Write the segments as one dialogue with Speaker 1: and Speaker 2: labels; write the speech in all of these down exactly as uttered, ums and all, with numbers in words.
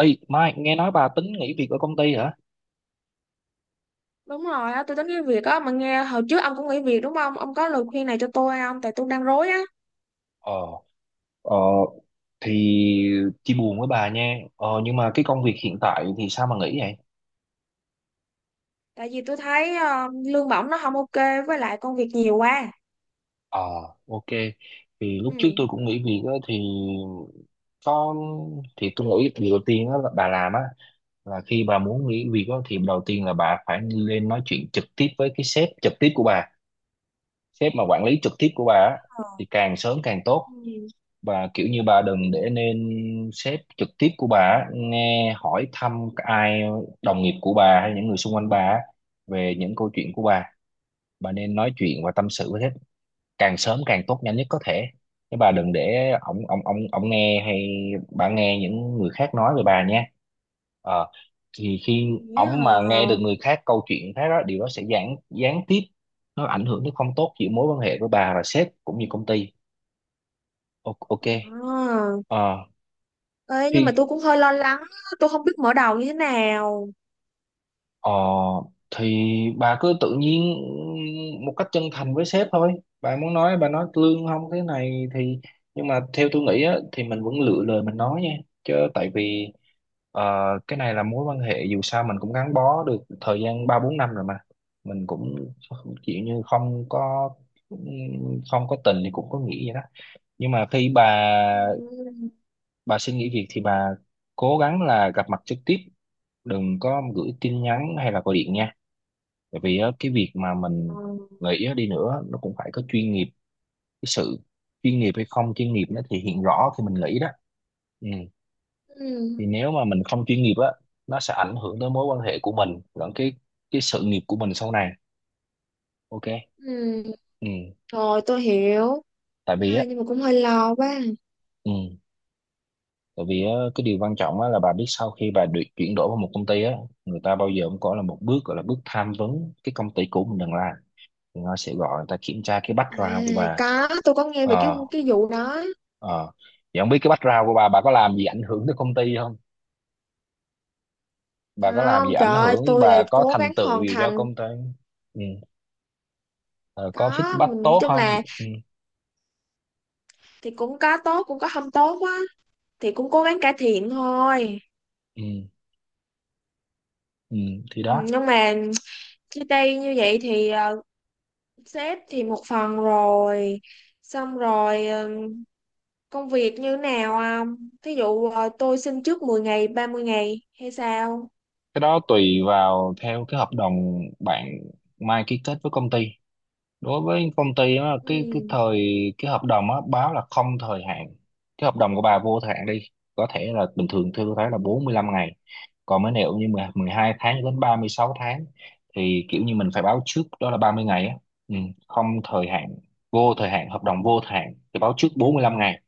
Speaker 1: Ê, Mai, nghe nói bà tính nghỉ việc ở công ty hả?
Speaker 2: Đúng rồi á, tôi tính nghỉ việc á, mà nghe hồi trước ông cũng nghỉ việc đúng không? Ông có lời khuyên này cho tôi không? Tại tôi đang rối á.
Speaker 1: Ờ, ờ, thì chia buồn với bà nha. Ờ, nhưng mà cái công việc hiện tại thì sao mà nghỉ vậy?
Speaker 2: Tại vì tôi thấy ờ, lương bổng nó không ok, với lại công việc nhiều quá.
Speaker 1: Ờ, ok. Thì lúc trước
Speaker 2: Ừ.
Speaker 1: tôi cũng nghỉ việc á, thì có thì tôi nghĩ việc đầu tiên đó là bà làm á, là khi bà muốn nghỉ việc đó, thì đầu tiên là bà phải lên nói chuyện trực tiếp với cái sếp trực tiếp của bà, sếp mà quản lý trực tiếp của bà á, thì càng sớm càng tốt.
Speaker 2: Ừ.
Speaker 1: Bà kiểu như bà đừng để nên sếp trực tiếp của bà á, nghe hỏi thăm ai, đồng nghiệp của bà hay những người xung quanh bà á về những câu chuyện của bà. Bà nên nói chuyện và tâm sự với sếp càng sớm càng tốt, nhanh nhất có thể, chứ bà đừng để ổng ổng ổng ổng nghe hay bà nghe những người khác nói về bà nha. Ờ, thì khi
Speaker 2: Nghĩ
Speaker 1: Ổng
Speaker 2: hả?
Speaker 1: mà nghe được người khác câu chuyện khác đó, điều đó sẽ gián gián tiếp, nó ảnh hưởng đến không tốt giữa mối quan hệ của bà và sếp cũng như công ty. O- ok.
Speaker 2: À.
Speaker 1: Ờ,
Speaker 2: Ê, nhưng mà
Speaker 1: khi
Speaker 2: tôi cũng hơi lo lắng, á, tôi không biết mở đầu như thế nào.
Speaker 1: Ờ, thì Bà cứ tự nhiên một cách chân thành với sếp thôi. Bà muốn nói, bà nói lương không thế này thì, nhưng mà theo tôi nghĩ á, thì mình vẫn lựa lời mình nói nha. Chứ tại vì ờ, cái này là mối quan hệ, dù sao mình cũng gắn bó được thời gian ba bốn năm rồi mà. Mình cũng kiểu như không có, không có tình thì cũng có nghĩa vậy đó. Nhưng mà khi bà
Speaker 2: Ừ.
Speaker 1: bà xin nghỉ việc thì bà cố gắng là gặp mặt trực tiếp, đừng có gửi tin nhắn hay là gọi điện nha, bởi vì á, cái việc mà
Speaker 2: Ờ.
Speaker 1: mình gợi ý đi nữa nó cũng phải có chuyên nghiệp. Cái sự chuyên nghiệp hay không chuyên nghiệp nó thể hiện rõ khi mình nghĩ đó, ừ.
Speaker 2: Ừ.
Speaker 1: Thì nếu mà mình không chuyên nghiệp á, nó sẽ ảnh hưởng tới mối quan hệ của mình lẫn cái cái sự nghiệp của mình sau này. Ok,
Speaker 2: Ừ.
Speaker 1: ừ.
Speaker 2: Rồi tôi hiểu.
Speaker 1: tại vì á
Speaker 2: À, nhưng mà cũng hơi lo quá.
Speaker 1: ừ. Tại vì á, cái điều quan trọng á là bà biết, sau khi bà được chuyển đổi vào một công ty á, người ta bao giờ cũng có là một bước, gọi là bước tham vấn cái công ty cũ mình đang làm. Người ta sẽ gọi, người ta kiểm tra cái
Speaker 2: À,
Speaker 1: background của bà.
Speaker 2: có, tôi có nghe về cái
Speaker 1: Ờ,
Speaker 2: cái vụ đó.
Speaker 1: Ờ. Vậy không biết cái background của bà bà có làm gì ảnh hưởng tới công ty không? Bà có làm gì
Speaker 2: Không, trời
Speaker 1: ảnh
Speaker 2: ơi,
Speaker 1: hưởng,
Speaker 2: tôi
Speaker 1: bà
Speaker 2: lại
Speaker 1: có
Speaker 2: cố
Speaker 1: thành
Speaker 2: gắng
Speaker 1: tựu
Speaker 2: hoàn
Speaker 1: gì cho
Speaker 2: thành.
Speaker 1: công ty? Ừ. Ờ, có
Speaker 2: Có,
Speaker 1: feedback
Speaker 2: mình nói
Speaker 1: tốt
Speaker 2: chung
Speaker 1: không?
Speaker 2: là
Speaker 1: Ừ.
Speaker 2: thì cũng có tốt cũng có không tốt á, thì cũng cố gắng cải thiện thôi.
Speaker 1: Ừ. Ừ. Thì
Speaker 2: Ừ,
Speaker 1: đó,
Speaker 2: nhưng mà chia tay như vậy thì ờ, sếp thì một phần rồi, xong rồi ờ, công việc như nào không, thí dụ ờ, tôi xin trước mười ngày, ba mươi ngày hay sao?
Speaker 1: cái đó tùy vào theo cái hợp đồng bạn Mai ký kết với công ty. Đối với công ty á, cái cái
Speaker 2: Ừ.
Speaker 1: thời, cái hợp đồng á, báo là không thời hạn, cái hợp đồng của bà vô thời hạn đi, có thể là bình thường tôi thấy là bốn mươi lăm ngày. Còn mấy này cũng như mười 12 tháng cho đến ba mươi sáu tháng thì kiểu như mình phải báo trước đó là ba mươi ngày á, ừ. Không thời hạn, vô thời hạn, hợp đồng vô thời hạn thì báo trước bốn mươi lăm ngày,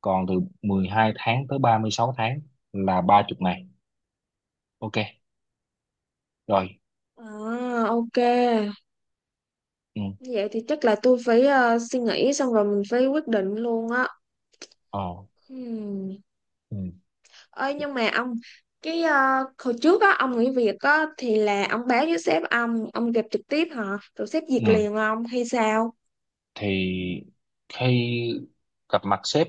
Speaker 1: còn từ mười hai tháng tới ba mươi sáu tháng là ba mươi ngày. Ok, rồi,
Speaker 2: À, ok,
Speaker 1: ừ.
Speaker 2: như vậy thì chắc là tôi phải ờ, suy nghĩ xong rồi mình phải quyết định luôn á.
Speaker 1: Ờ. Ờ.
Speaker 2: Ừ.
Speaker 1: Ừ.
Speaker 2: Ơi nhưng mà ông cái ờ, hồi trước á ông nghỉ việc á thì là ông báo với sếp, ông ông gặp trực tiếp hả, rồi sếp duyệt
Speaker 1: Ừ.
Speaker 2: liền ông hay sao?
Speaker 1: Thì khi gặp mặt sếp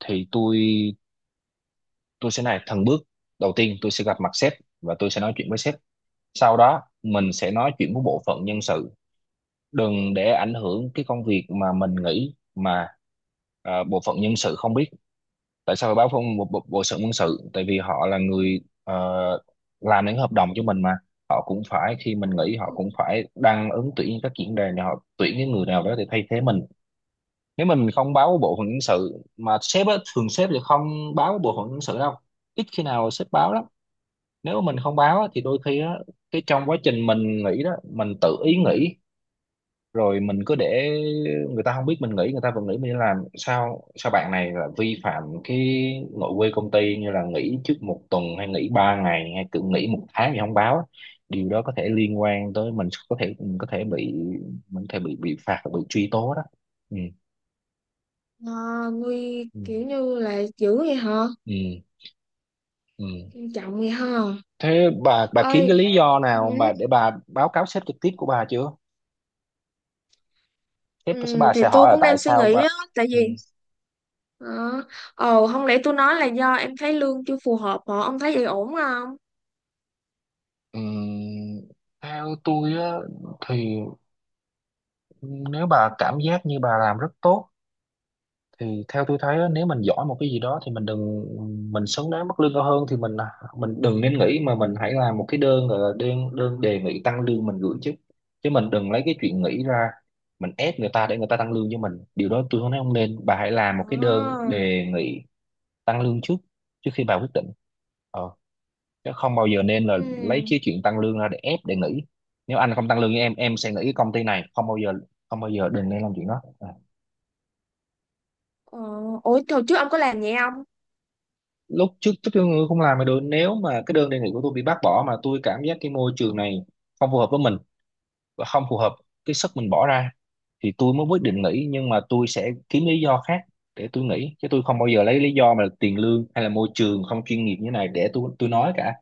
Speaker 1: thì tôi tôi sẽ này thần bước, đầu tiên tôi sẽ gặp mặt sếp và tôi sẽ nói chuyện với sếp, sau đó mình sẽ nói chuyện với bộ phận nhân sự, đừng để ảnh hưởng cái công việc mà mình nghĩ mà. À, bộ phận nhân sự không biết tại sao phải báo phong bộ, bộ, bộ sự nhân sự, tại vì họ là người ờ, làm những hợp đồng cho mình mà. Họ cũng phải, khi mình nghỉ họ cũng phải đăng ứng tuyển các diễn đàn để họ tuyển cái người nào đó để thay thế mình. Nếu mình không báo bộ phận nhân sự mà sếp á, thường sếp thì không báo bộ phận nhân sự đâu, ít khi nào sếp báo lắm. Nếu mà mình không báo á, thì đôi khi á, cái trong quá trình mình nghỉ đó, mình tự ý nghỉ rồi mình cứ để người ta không biết mình nghỉ, người ta vẫn nghĩ mình đi làm sao sao. Bạn này là vi phạm cái nội quy công ty, như là nghỉ trước một tuần hay nghỉ ba ngày hay cứ nghỉ một tháng thì không báo á. Điều đó có thể liên quan tới mình, có thể mình có thể bị, mình có thể bị bị phạt, bị truy tố đó, ừ.
Speaker 2: À, nguy
Speaker 1: Ừ.
Speaker 2: kiểu như là dữ vậy hả?
Speaker 1: ừ ừ
Speaker 2: Nghiêm trọng vậy hả?
Speaker 1: Thế bà bà kiếm cái
Speaker 2: Ơi,
Speaker 1: lý do nào mà để bà báo cáo sếp trực tiếp của bà chưa? Sếp sẽ,
Speaker 2: ừ,
Speaker 1: bà
Speaker 2: thì
Speaker 1: sẽ
Speaker 2: tôi
Speaker 1: hỏi là
Speaker 2: cũng
Speaker 1: tại
Speaker 2: đang suy
Speaker 1: sao bà,
Speaker 2: nghĩ á, tại
Speaker 1: ừ.
Speaker 2: vì ờ ồ, không lẽ tôi nói là do em thấy lương chưa phù hợp, hả ông thấy vậy ổn không?
Speaker 1: Ừm, Theo tôi á, thì nếu bà cảm giác như bà làm rất tốt, thì theo tôi thấy á, nếu mình giỏi một cái gì đó thì mình đừng, mình xứng đáng mức lương cao hơn thì mình mình đừng nên nghĩ mà mình hãy làm một cái đơn, gọi là đơn đơn đề nghị tăng lương mình gửi, chứ chứ mình đừng lấy cái chuyện nghĩ ra mình ép người ta để người ta tăng lương cho mình, điều đó tôi không nói không nên. Bà hãy làm một cái đơn
Speaker 2: Ờ.
Speaker 1: đề nghị tăng lương trước, trước khi bà quyết định, ờ, chứ không bao giờ nên là lấy
Speaker 2: Ừ.
Speaker 1: cái chuyện tăng lương ra để ép để nghỉ. Nếu anh không tăng lương với em em sẽ nghỉ cái công ty này, không bao giờ, không bao giờ đừng nên làm chuyện đó à.
Speaker 2: Ờ. Ủa hồi trước ông có làm vậy không?
Speaker 1: Lúc trước, trước tôi không làm mà được, nếu mà cái đơn đề nghị của tôi bị bác bỏ mà tôi cảm giác cái môi trường này không phù hợp với mình, và không phù hợp cái sức mình bỏ ra, thì tôi mới quyết định nghỉ. Nhưng mà tôi sẽ kiếm lý do khác để tôi nghỉ, chứ tôi không bao giờ lấy lý do mà tiền lương hay là môi trường không chuyên nghiệp như thế này để tôi tôi nói cả,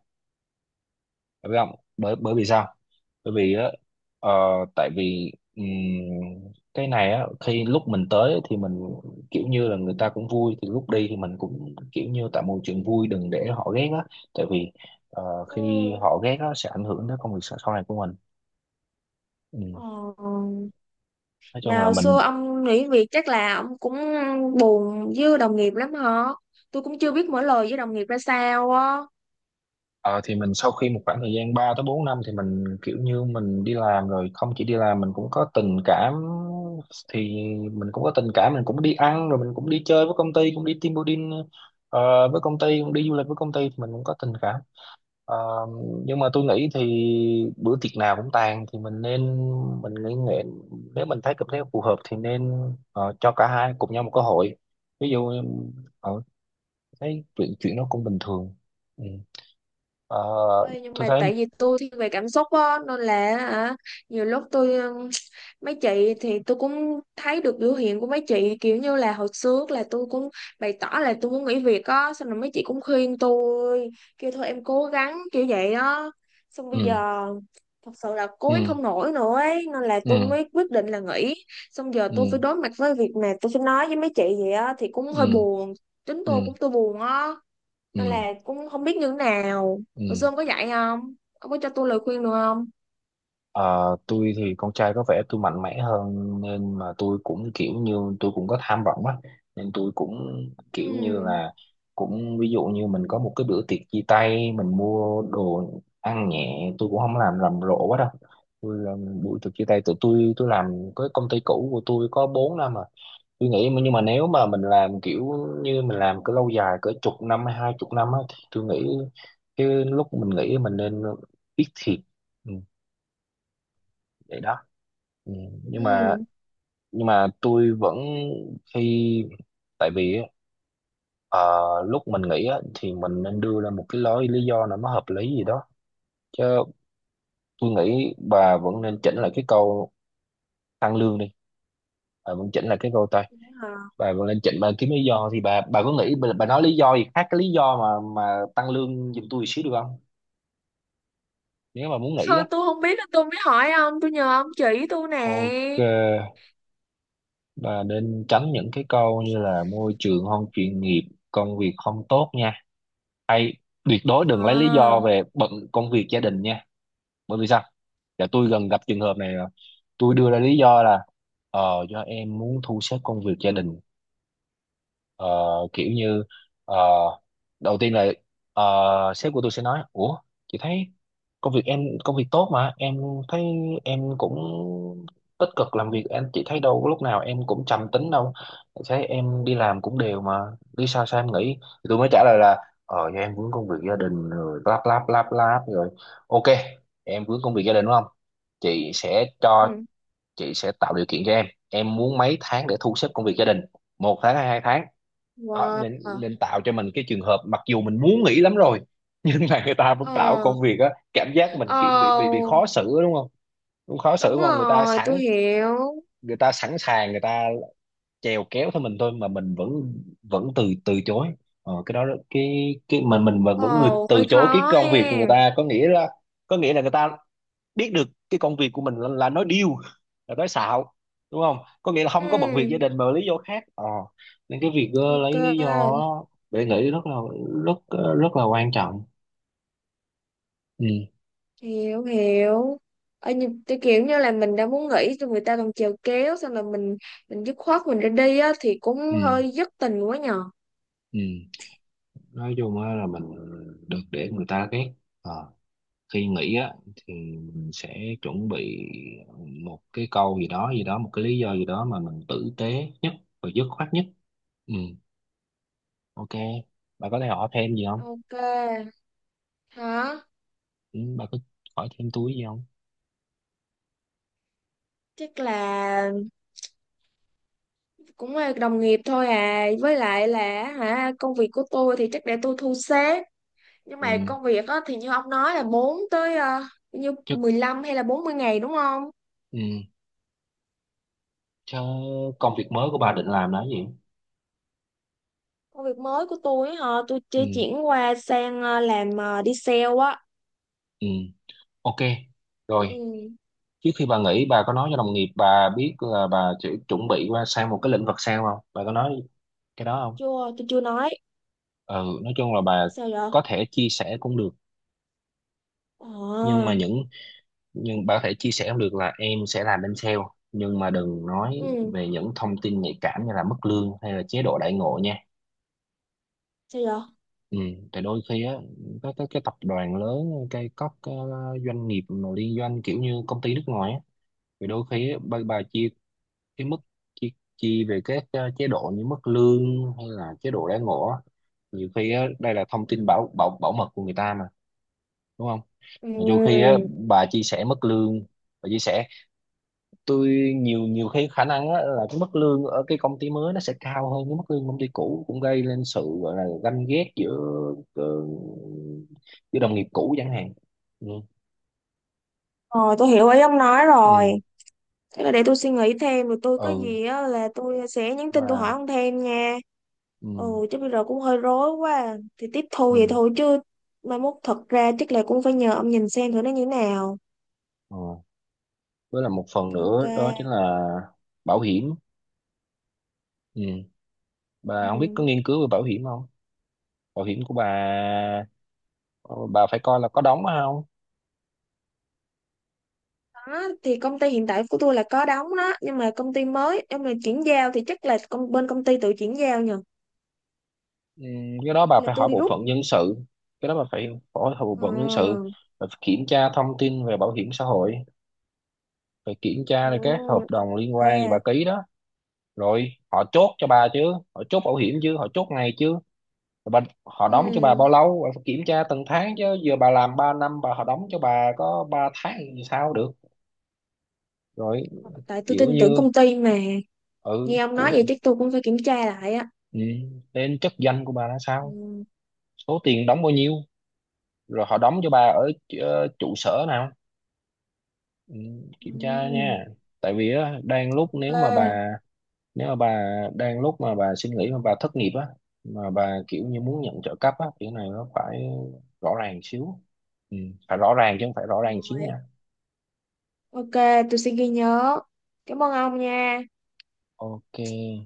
Speaker 1: phải không? Bởi Bởi vì sao? Bởi vì á, ờ, tại vì ừm, cái này á, khi lúc mình tới thì mình kiểu như là người ta cũng vui, thì lúc đi thì mình cũng kiểu như tạo môi trường vui, đừng để họ ghét á. Tại vì ờ,
Speaker 2: Ừ.
Speaker 1: khi họ ghét á sẽ ảnh hưởng tới công việc sau sau này của mình, ừ.
Speaker 2: Ờ.
Speaker 1: Nói chung
Speaker 2: Mà
Speaker 1: là
Speaker 2: hồi
Speaker 1: mình,
Speaker 2: xưa ông nghỉ việc chắc là ông cũng buồn với đồng nghiệp lắm hả? Tôi cũng chưa biết mở lời với đồng nghiệp ra sao á.
Speaker 1: Ờ, thì mình sau khi một khoảng thời gian ba tới bốn năm thì mình kiểu như mình đi làm rồi, không chỉ đi làm mình cũng có tình cảm, thì mình cũng có tình cảm, mình cũng đi ăn rồi mình cũng đi chơi với công ty, cũng đi team building ờ, với công ty, cũng đi du lịch với công ty, thì mình cũng có tình cảm. Ờ, nhưng mà tôi nghĩ thì bữa tiệc nào cũng tàn, thì mình nên, mình nghĩ nghệ, nếu mình thấy cảm thấy phù hợp thì nên, ờ, cho cả hai cùng nhau một cơ hội, ví dụ uh, thấy chuyện chuyện nó cũng bình thường. Ừ. Ờ,
Speaker 2: Ê, nhưng
Speaker 1: tôi
Speaker 2: mà
Speaker 1: thấy,
Speaker 2: tại vì tôi thiên về cảm xúc á nên là, hả, nhiều lúc tôi ừm, mấy chị thì tôi cũng thấy được biểu hiện của mấy chị, kiểu như là hồi trước là tôi cũng bày tỏ là tôi muốn nghỉ việc á, xong rồi mấy chị cũng khuyên tôi kêu thôi em cố gắng kiểu vậy á, xong bây
Speaker 1: ừ.
Speaker 2: giờ thật sự là cố
Speaker 1: ừ
Speaker 2: gắng không nổi nữa ấy, nên là tôi
Speaker 1: ừ
Speaker 2: mới quyết định là nghỉ. Xong giờ tôi phải
Speaker 1: ừ
Speaker 2: đối mặt với việc mà tôi phải nói với mấy chị vậy á thì cũng hơi
Speaker 1: ừ
Speaker 2: buồn. Chính tôi
Speaker 1: ừ
Speaker 2: cũng tôi buồn á, nên
Speaker 1: ừ
Speaker 2: là cũng không biết như thế nào.
Speaker 1: ừ
Speaker 2: Hồi xưa ông có dạy không? Ông có cho tôi lời khuyên được không?
Speaker 1: Ờ, tôi thì con trai có vẻ tôi mạnh mẽ hơn nên mà tôi cũng kiểu như tôi cũng có tham vọng á, nên tôi cũng kiểu như
Speaker 2: Ừ.
Speaker 1: là cũng ví dụ như mình có một cái bữa tiệc chia tay, mình mua đồ ăn nhẹ, tôi cũng không làm rầm rộ quá đâu. Tôi làm buổi tiệc chia tay tụi tôi tôi làm cái công ty cũ của tôi có bốn năm à, tôi nghĩ mà- nhưng mà nếu mà mình làm kiểu như mình làm cứ lâu dài cỡ chục năm hay hai chục năm á, thì tôi nghĩ cái lúc mình nghĩ mình nên biết thiệt, ừ, vậy đó, ừ. nhưng mà
Speaker 2: Ừ.
Speaker 1: nhưng mà tôi vẫn khi tại vì á, ờ, lúc mình nghĩ á, thì mình nên đưa ra một cái lối lý do nào nó hợp lý gì đó chứ. Tôi nghĩ bà vẫn nên chỉnh lại cái câu tăng lương đi, bà vẫn chỉnh lại cái câu tăng.
Speaker 2: Vậy hả.
Speaker 1: Bà mà lên trình bà kiếm lý
Speaker 2: Ừ.
Speaker 1: do thì bà bà có nghĩ bà, bà nói lý do gì khác cái lý do mà mà tăng lương giùm tôi xíu được không? Nếu mà muốn nghĩ đó.
Speaker 2: Thôi, tôi không biết nên tôi mới hỏi ông, tôi nhờ ông chỉ tôi nè.
Speaker 1: Ok, bà nên tránh những cái câu như là môi trường không chuyên nghiệp, công việc không tốt nha, hay tuyệt đối đừng lấy lý do
Speaker 2: À.
Speaker 1: về bận công việc gia đình nha. Bởi vì sao? Dạ, tôi gần gặp trường hợp này rồi. Tôi đưa ra lý do là ờ do em muốn thu xếp công việc gia đình. Ờ, kiểu như, ờ, đầu tiên là, ờ, sếp của tôi sẽ nói: ủa chị thấy công việc em công việc tốt mà em, thấy em cũng tích cực làm việc em, chị thấy đâu có lúc nào em cũng trầm tính đâu, thấy em đi làm cũng đều mà, đi sao sao em nghĩ? Thì tôi mới trả lời là ờ do em vướng công việc gia đình rồi lắp lắp lắp lắp rồi. Ok, em vướng công việc gia đình đúng không, chị sẽ cho,
Speaker 2: Ừ.
Speaker 1: chị sẽ tạo điều kiện cho em em muốn mấy tháng để thu xếp công việc gia đình, một tháng hay hai tháng? Đó,
Speaker 2: Wow.
Speaker 1: nên nên tạo cho mình cái trường hợp mặc dù mình muốn nghỉ lắm rồi nhưng mà người ta vẫn tạo
Speaker 2: Ờ.
Speaker 1: công việc á, cảm giác mình kiểu bị
Speaker 2: Ờ,
Speaker 1: bị bị khó xử á, đúng không? Cũng khó xử
Speaker 2: đúng
Speaker 1: đúng không, người ta
Speaker 2: rồi tôi
Speaker 1: sẵn
Speaker 2: hiểu.
Speaker 1: người ta sẵn sàng, người ta chèo kéo theo mình thôi mà mình vẫn vẫn từ từ chối. ờ, cái đó đó- cái cái mình mình vẫn vẫn người
Speaker 2: Ồ,
Speaker 1: từ
Speaker 2: hơi
Speaker 1: chối cái
Speaker 2: khó ha.
Speaker 1: công việc của người ta có nghĩa là có nghĩa là người ta biết được cái công việc của mình là, là nói điêu, là nói xạo đúng không, có nghĩa là không có bận việc gia
Speaker 2: Ừ.
Speaker 1: đình mà lý do khác. ờ Nên cái việc, ờ, lấy lý do
Speaker 2: Ok.
Speaker 1: đó để nghĩ rất là rất rất là quan trọng. Ừ,
Speaker 2: Hiểu hiểu. Ở như cái kiểu như là mình đã muốn nghỉ rồi người ta còn chèo kéo, xong là mình mình dứt khoát mình ra đi á thì cũng hơi
Speaker 1: ừ,
Speaker 2: dứt tình quá nhờ.
Speaker 1: ừ. Nói chung á là mình được để người ta ghét. Ờ, khi nghĩ á thì mình sẽ chuẩn bị một cái câu gì đó gì đó, một cái lý do gì đó mà mình tử tế nhất và dứt khoát nhất. Ừ. Ok, bà có thể hỏi thêm gì không?
Speaker 2: Ok. Hả?
Speaker 1: Ừ, bà có hỏi thêm túi gì không?
Speaker 2: Chắc là cũng là đồng nghiệp thôi à, với lại là, hả, công việc của tôi thì chắc để tôi thu xếp, nhưng
Speaker 1: Ừ,
Speaker 2: mà công việc á thì như ông nói là bốn tới ờ, như
Speaker 1: chứ.
Speaker 2: mười lăm hay là bốn mươi ngày đúng không?
Speaker 1: Ừ, chứ công việc mới của bà định làm là cái gì?
Speaker 2: Công việc mới của tôi á hả, tôi chưa
Speaker 1: Ừ,
Speaker 2: chuyển qua sang ờ, làm ờ, đi sale á.
Speaker 1: ừ, ok,
Speaker 2: Ừ.
Speaker 1: rồi. Trước khi bà nghỉ bà có nói cho đồng nghiệp bà biết là bà chỉ chuẩn bị qua sang một cái lĩnh vực sao không, bà có nói cái đó không?
Speaker 2: Chưa, tôi chưa nói.
Speaker 1: Ừ, nói chung là bà
Speaker 2: Sao vậy?
Speaker 1: có thể chia sẻ cũng được. Nhưng mà
Speaker 2: Ờ.
Speaker 1: những, nhưng bà có thể chia sẻ cũng được là em sẽ làm bên sale, nhưng mà đừng nói
Speaker 2: Ừ.
Speaker 1: về những thông tin nhạy cảm như là mức lương hay là chế độ đãi ngộ nha.
Speaker 2: Sao vậy?
Speaker 1: Ừ, tại đôi khi á các cái, cái tập đoàn lớn, cái các cái doanh nghiệp mà liên doanh kiểu như công ty nước ngoài á, thì đôi khi á, bà, bà chia cái mức, chi, chi về các, ờ, chế độ như mức lương hay là chế độ đãi ngộ á, nhiều khi á đây là thông tin bảo bảo bảo mật của người ta mà đúng không? Mà đôi khi á
Speaker 2: Ừ.
Speaker 1: bà chia sẻ mức lương, bà chia sẻ tôi, nhiều nhiều khi khả năng á, là cái mức lương ở cái công ty mới nó sẽ cao hơn cái mức lương công ty cũ, cũng gây lên sự gọi là ganh ghét giữa, ờ, giữa đồng nghiệp cũ chẳng hạn. Ừ,
Speaker 2: Rồi tôi hiểu ý ông nói rồi.
Speaker 1: ừ,
Speaker 2: Thế là để tôi suy nghĩ thêm, rồi tôi có
Speaker 1: ừ
Speaker 2: gì á là tôi sẽ nhắn tin tôi hỏi
Speaker 1: mà
Speaker 2: ông thêm nha. Ừ.
Speaker 1: ừ,
Speaker 2: Chứ bây giờ cũng hơi rối quá à. Thì tiếp thu vậy
Speaker 1: ừ,
Speaker 2: thôi chứ, mai mốt thật ra chắc là cũng phải nhờ ông nhìn xem thử nó như thế nào.
Speaker 1: ừ. Với là một phần
Speaker 2: Ok.
Speaker 1: nữa đó chính là bảo hiểm. Ừ, bà không biết
Speaker 2: Ừ.
Speaker 1: có nghiên cứu về bảo hiểm không? Bảo hiểm của bà, ờ, bà phải coi là có đóng hay không.
Speaker 2: Đó thì công ty hiện tại của tôi là có đóng đó, nhưng mà công ty mới, nhưng mà chuyển giao thì chắc là công bên công ty tự chuyển giao nhờ.
Speaker 1: Ừ, cái đó bà
Speaker 2: Là
Speaker 1: phải hỏi
Speaker 2: tôi đi
Speaker 1: bộ
Speaker 2: rút
Speaker 1: phận nhân sự, cái đó bà phải hỏi bộ phận nhân sự.
Speaker 2: à?
Speaker 1: Bà phải kiểm tra thông tin về bảo hiểm xã hội, phải kiểm
Speaker 2: Ừ,
Speaker 1: tra là các hợp
Speaker 2: ok.
Speaker 1: đồng liên quan gì bà ký đó. Rồi họ chốt cho bà chứ, họ chốt bảo hiểm chứ, họ chốt ngày chứ, rồi bà, họ đóng cho bà
Speaker 2: Ừ,
Speaker 1: bao lâu bà phải kiểm tra từng tháng chứ, giờ bà làm ba năm bà họ đóng cho bà có ba tháng thì sao được. Rồi
Speaker 2: tại tôi
Speaker 1: kiểu
Speaker 2: tin tưởng
Speaker 1: như,
Speaker 2: công ty mà. Nghe
Speaker 1: ừ,
Speaker 2: ông nói
Speaker 1: của,
Speaker 2: vậy chắc tôi cũng phải kiểm tra lại á.
Speaker 1: ừ, lên chức danh của bà là sao,
Speaker 2: Ừ.
Speaker 1: số tiền đóng bao nhiêu, rồi họ đóng cho bà ở, ờ, trụ sở nào. Ừ, kiểm tra
Speaker 2: Ừ.
Speaker 1: nha. Tại vì á đang lúc nếu mà
Speaker 2: Ok.
Speaker 1: bà, nếu mà bà đang lúc mà bà suy nghĩ mà bà thất nghiệp á, mà bà kiểu như muốn nhận trợ cấp á kiểu này nó phải rõ ràng xíu. Ừ, phải rõ ràng chứ không phải rõ ràng xíu
Speaker 2: Rồi.
Speaker 1: nha.
Speaker 2: Ok, tôi sẽ ghi nhớ. Cảm ơn ông nha,
Speaker 1: Ok.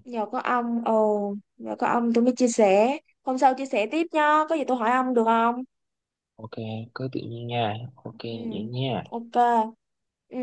Speaker 2: nhờ có ông. Ồ, nhờ có ông tôi mới chia sẻ, hôm sau chia sẻ tiếp nha, có gì tôi hỏi ông được không?
Speaker 1: Ok, cứ tự nhiên nha. Ok.
Speaker 2: Ừ.
Speaker 1: Vậy nha.
Speaker 2: Ok. Ừ.